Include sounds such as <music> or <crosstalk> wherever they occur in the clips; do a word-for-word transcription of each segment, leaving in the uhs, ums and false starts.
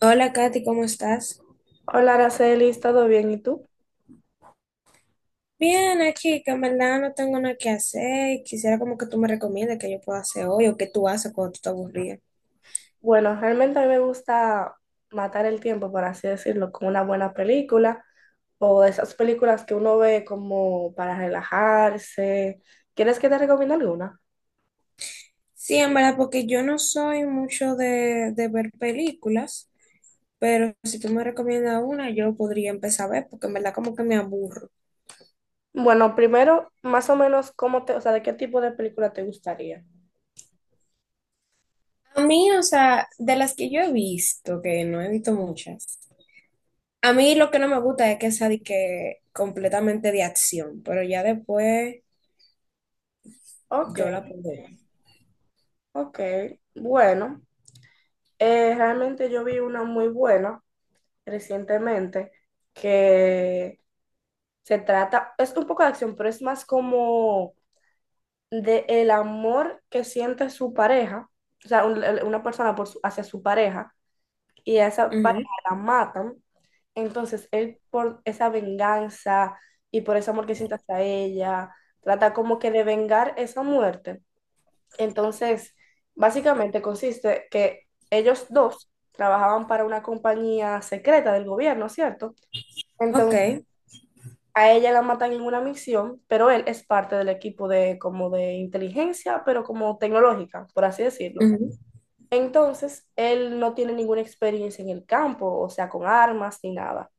Hola, Katy, ¿cómo estás? Hola, Araceli, ¿todo bien? ¿Y tú? Bien, aquí, que en verdad no tengo nada que hacer y quisiera como que tú me recomiendes que yo pueda hacer hoy o qué tú haces cuando tú te aburrías. Bueno, realmente a mí me gusta matar el tiempo, por así decirlo, con una buena película o de esas películas que uno ve como para relajarse. ¿Quieres que te recomiende alguna? Sí, en verdad, porque yo no soy mucho de, de ver películas, pero si tú me recomiendas una, yo podría empezar a ver, porque en verdad como que me aburro. Bueno, primero, más o menos, ¿cómo te, o sea, de qué tipo de película te gustaría? A mí, o sea, de las que yo he visto, que no he visto muchas, a mí lo que no me gusta es que sea de que completamente de acción, pero ya después Ok, yo la puedo ver. ok. Bueno, eh, realmente yo vi una muy buena recientemente que se trata, es un poco de acción, pero es más como de el amor que siente su pareja, o sea, un- el- una persona por su- hacia su pareja, y a esa pareja Ujú. la matan, entonces él por esa venganza y por ese amor que siente hacia ella, trata como que de vengar esa muerte. Entonces, básicamente consiste que ellos dos trabajaban para una compañía secreta del gobierno, ¿cierto? Ok, Entonces a ella la matan en una misión, pero él es parte del equipo de como de inteligencia, pero como tecnológica, por así decirlo. ujú, Entonces, él no tiene ninguna experiencia en el campo, o sea, con armas ni nada.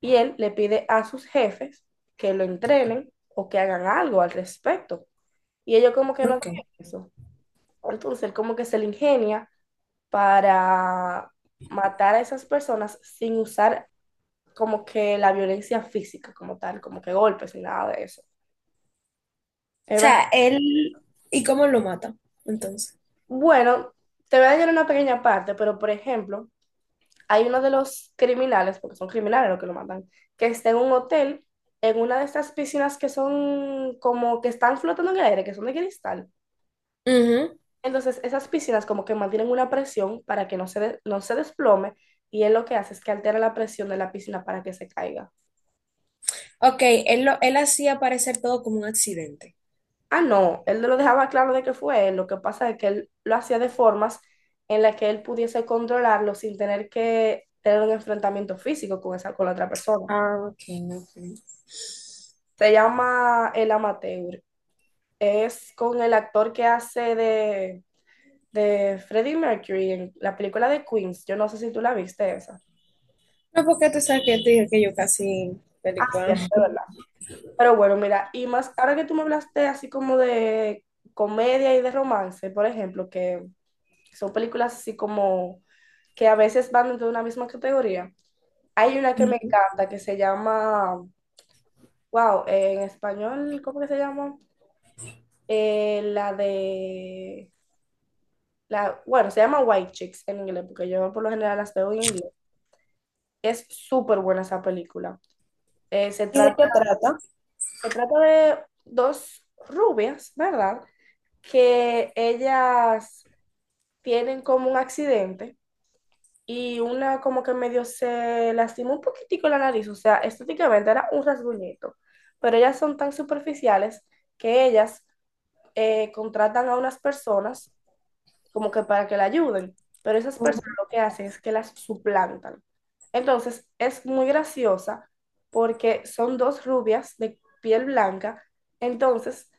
Y él le pide a sus jefes que lo entrenen o que hagan algo al respecto. Y ellos como que no ok. tienen O eso. Entonces, él como que se le ingenia para matar a esas personas sin usar como que la violencia física como tal, como que golpes y nada de eso. Es. sea, él, ¿y cómo lo mata? Entonces. Bueno, te voy a dañar una pequeña parte, pero por ejemplo, hay uno de los criminales, porque son criminales los que lo matan, que está en un hotel, en una de estas piscinas que son como que están flotando en el aire, que son de cristal. Ujú. Entonces, esas piscinas como que mantienen una presión para que no se, de- no se desplome, y él lo que hace es que altera la presión de la piscina para que se caiga. Ok, él, lo, él hacía parecer todo como un accidente. Ah, no, él lo dejaba claro de que fue él. Lo que pasa es que él lo hacía de formas en las que él pudiese controlarlo sin tener que tener un enfrentamiento físico con esa, con la otra persona. Ah, ok, ok. Se llama El Amateur. Es con el actor que hace de, de Freddie Mercury en la película de Queens. Yo no sé si tú la viste esa. No, porque tú sabes que yo te dije que yo casi Ah, sí, película. es de verdad. Pero bueno, mira, y más ahora que tú me hablaste así como de comedia y de romance, por ejemplo, que son películas así como que a veces van dentro de una misma categoría. Hay una que me Ujú. encanta que se llama, wow, en español, ¿cómo que se llama? Eh, la de, la, bueno, se llama White Chicks en inglés, porque yo por lo general las veo en inglés. Es súper buena esa película. Eh, se ¿Y de trata, qué trata? se trata de dos rubias, ¿verdad? Que ellas tienen como un accidente y una como que medio se lastimó un poquitico la nariz, o sea, estéticamente era un rasguñito, pero ellas son tan superficiales que ellas eh, contratan a unas personas como que para que la ayuden, pero esas personas lo que hacen es que las suplantan. Entonces, es muy graciosa porque son dos rubias de piel blanca, entonces,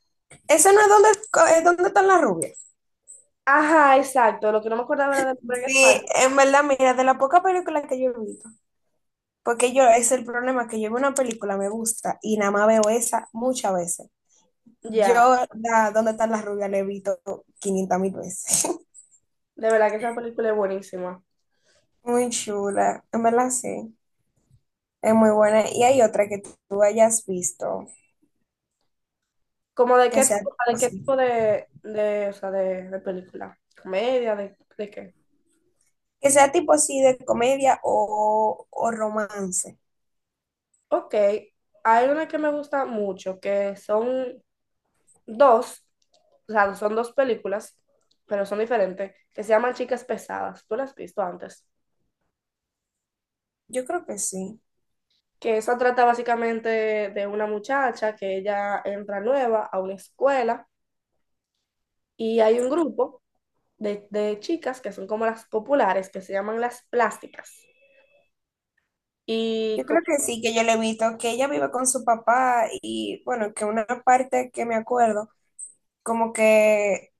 Eso no es donde, ¿es donde están las rubias? ajá, exacto, lo que no me acordaba era de Pura en España, Sí, en verdad, mira, de la poca película que yo he visto, porque yo, es el problema, que yo veo una película, me gusta, y nada más veo esa muchas veces. Yo, ya, la, ¿dónde están las rubias? La he visto quinientas mil veces. de verdad que esa película es buenísima. <laughs> Muy chula, en verdad sí, es muy buena. Y hay otra que tú hayas visto, ¿Como de que qué sea tipo, tipo de qué así, tipo de, de, o sea, de, de película? ¿Comedia? De, ¿de qué? que sea tipo así de comedia o, o romance. Ok, hay una que me gusta mucho, que son dos, o sea, son dos películas, pero son diferentes, que se llaman Chicas Pesadas. ¿Tú las has visto antes? Yo creo que sí. Que eso trata básicamente de una muchacha que ella entra nueva a una escuela y hay un grupo de, de chicas que son como las populares, que se llaman las plásticas. Y Yo como, creo que sí, que yo le he visto que ella vive con su papá y bueno, que una parte que me acuerdo, como que,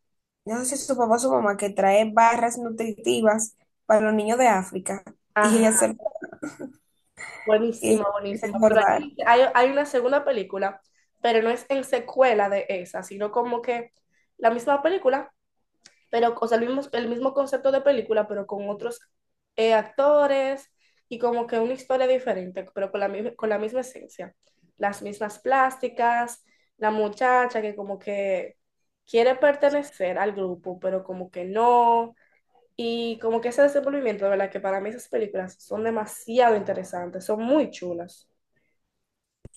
no sé si es su papá o su mamá, que trae barras nutritivas para los niños de África y ella ajá, se, y buenísima, ella se buenísima. Pero engordar. hay, hay, hay una segunda película, pero no es en secuela de esa, sino como que la misma película, pero, o sea, el mismo, el mismo concepto de película, pero con otros eh, actores y como que una historia diferente, pero con la, mi- con la misma esencia. Las mismas plásticas, la muchacha que como que quiere pertenecer al grupo, pero como que no. Y como que ese desenvolvimiento, de verdad, que para mí esas películas son demasiado interesantes, son muy chulas.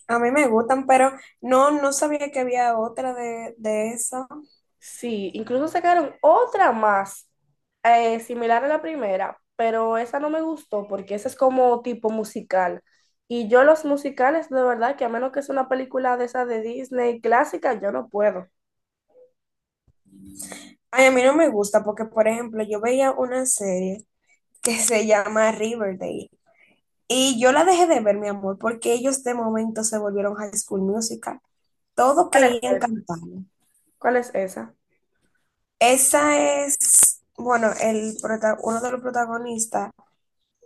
A mí me gustan, pero no, no sabía que había otra de, de eso. Sí, incluso sacaron otra más eh, similar a la primera, pero esa no me gustó porque esa es como tipo musical. Y yo los musicales, de verdad, que a menos que sea una película de esa de Disney clásica, yo no puedo. Ay, a mí no me gusta porque, por ejemplo, yo veía una serie que se llama Riverdale y yo la dejé de ver, mi amor, porque ellos de momento se volvieron High School Musical. Todos ¿Cuál es querían esa? cantar. ¿Cuál es esa? Esa es, bueno, el prota- uno de los protagonistas,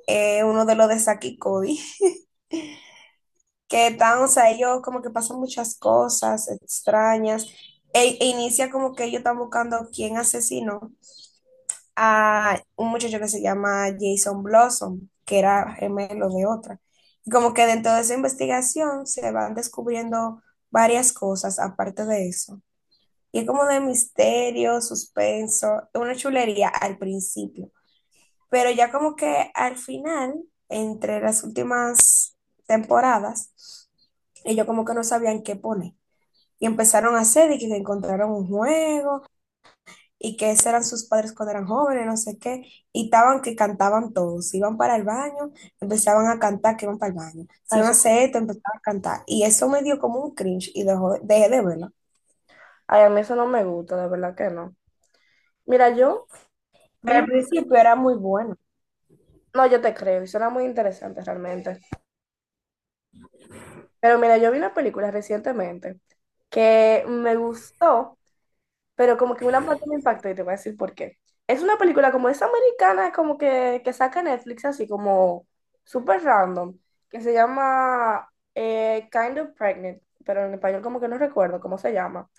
eh, uno de los de Saki y Cody, que están, o sea, ellos como que pasan muchas cosas extrañas, e, e inicia como que ellos están buscando quién asesinó a un muchacho que se llama Jason Blossom, que era gemelo de otra. Y como que dentro de esa investigación se van descubriendo varias cosas aparte de eso. Y es como de misterio, suspenso, una chulería al principio. Pero ya como que al final, entre las últimas temporadas, ellos como que no sabían qué poner. Y empezaron a hacer y que encontraron un juego y que esos eran sus padres cuando eran jóvenes, no sé qué. Y estaban que cantaban todos. Iban para el baño, empezaban a cantar que iban para el baño. Si Ay, iban a eso- hacer esto, empezaban a cantar. Y eso me dio como un cringe y dejó- dejé de verlo. ay, a mí eso no me gusta, de verdad que no. Mira, yo Pero al vi... principio era muy bueno. No, yo te creo, y suena muy interesante realmente. Pero mira, yo vi una película recientemente que me gustó, pero como que una parte me impactó y te voy a decir por qué. Es una película como es americana, como que, que saca Netflix así como súper random, que se llama eh, Kind of Pregnant, pero en español como que no recuerdo cómo se llama.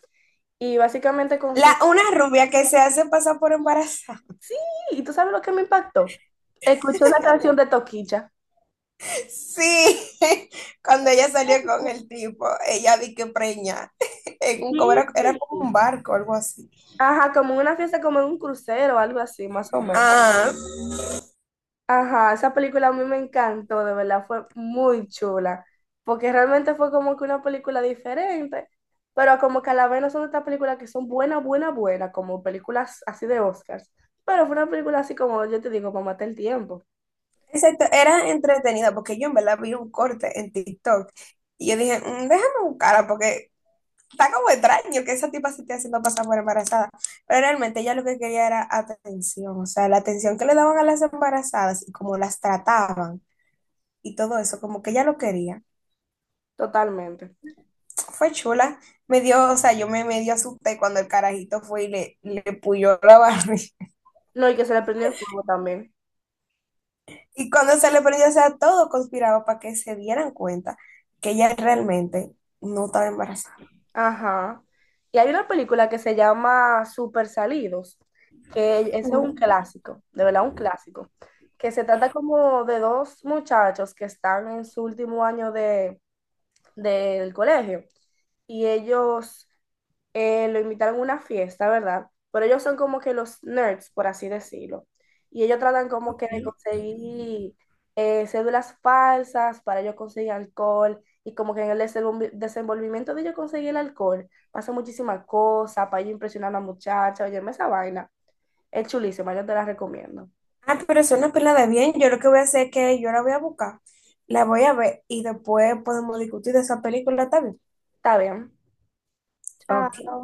Y básicamente La, consiste... una rubia que se hace pasar por embarazada. <laughs> ¿Y tú sabes lo que me impactó? Escuché una canción de Toquicha. Sí, <laughs> cuando ella salió con Oh. el tipo, ella vi que preña. <laughs> En un, como era, era como Sí. un barco, algo así. Ajá, como una fiesta, como en un crucero o algo así, más o menos. Ah, Ajá, esa película a mí me encantó, de verdad, fue muy chula, porque realmente fue como que una película diferente, pero como que a la vez no son estas películas que son buenas, buenas, buenas, como películas así de Oscars, pero fue una película así como, yo te digo, para matar el tiempo, exacto, era entretenida porque yo en verdad vi un corte en TikTok y yo dije, "Mm, déjame buscarla porque está como extraño que esa tipa se esté haciendo pasar por embarazada. Pero realmente ella lo que quería era atención, o sea, la atención que le daban a las embarazadas y cómo las trataban y todo eso, como que ella lo quería. totalmente. Fue chula. Me dio, o sea, yo me medio asusté cuando el carajito fue y le, le puyó la barriga. <laughs> No, y que se le prendió el fuego también. Y cuando se le prendió, o sea, todo conspiraba para que se dieran cuenta que ella realmente no estaba embarazada. Ajá. Y hay una película que se llama Super Salidos, que ese es un Mm, clásico, de verdad un clásico, que se trata como de dos muchachos que están en su último año de, del colegio y ellos eh, lo invitaron a una fiesta, ¿verdad? Pero ellos son como que los nerds, por así decirlo. Y ellos tratan como que de ok. conseguir eh, cédulas falsas para ellos conseguir alcohol. Y como que en el desenvol- desenvolvimiento de ellos conseguir el alcohol, pasa muchísimas cosas para ellos impresionar a la muchacha. Oye, esa vaina. Es chulísima, yo te la recomiendo. Ah, pero es una pila de bien. Yo lo que voy a hacer es que yo la voy a buscar, la voy a ver y después podemos discutir de esa película también. Está bien. Ok. Chao.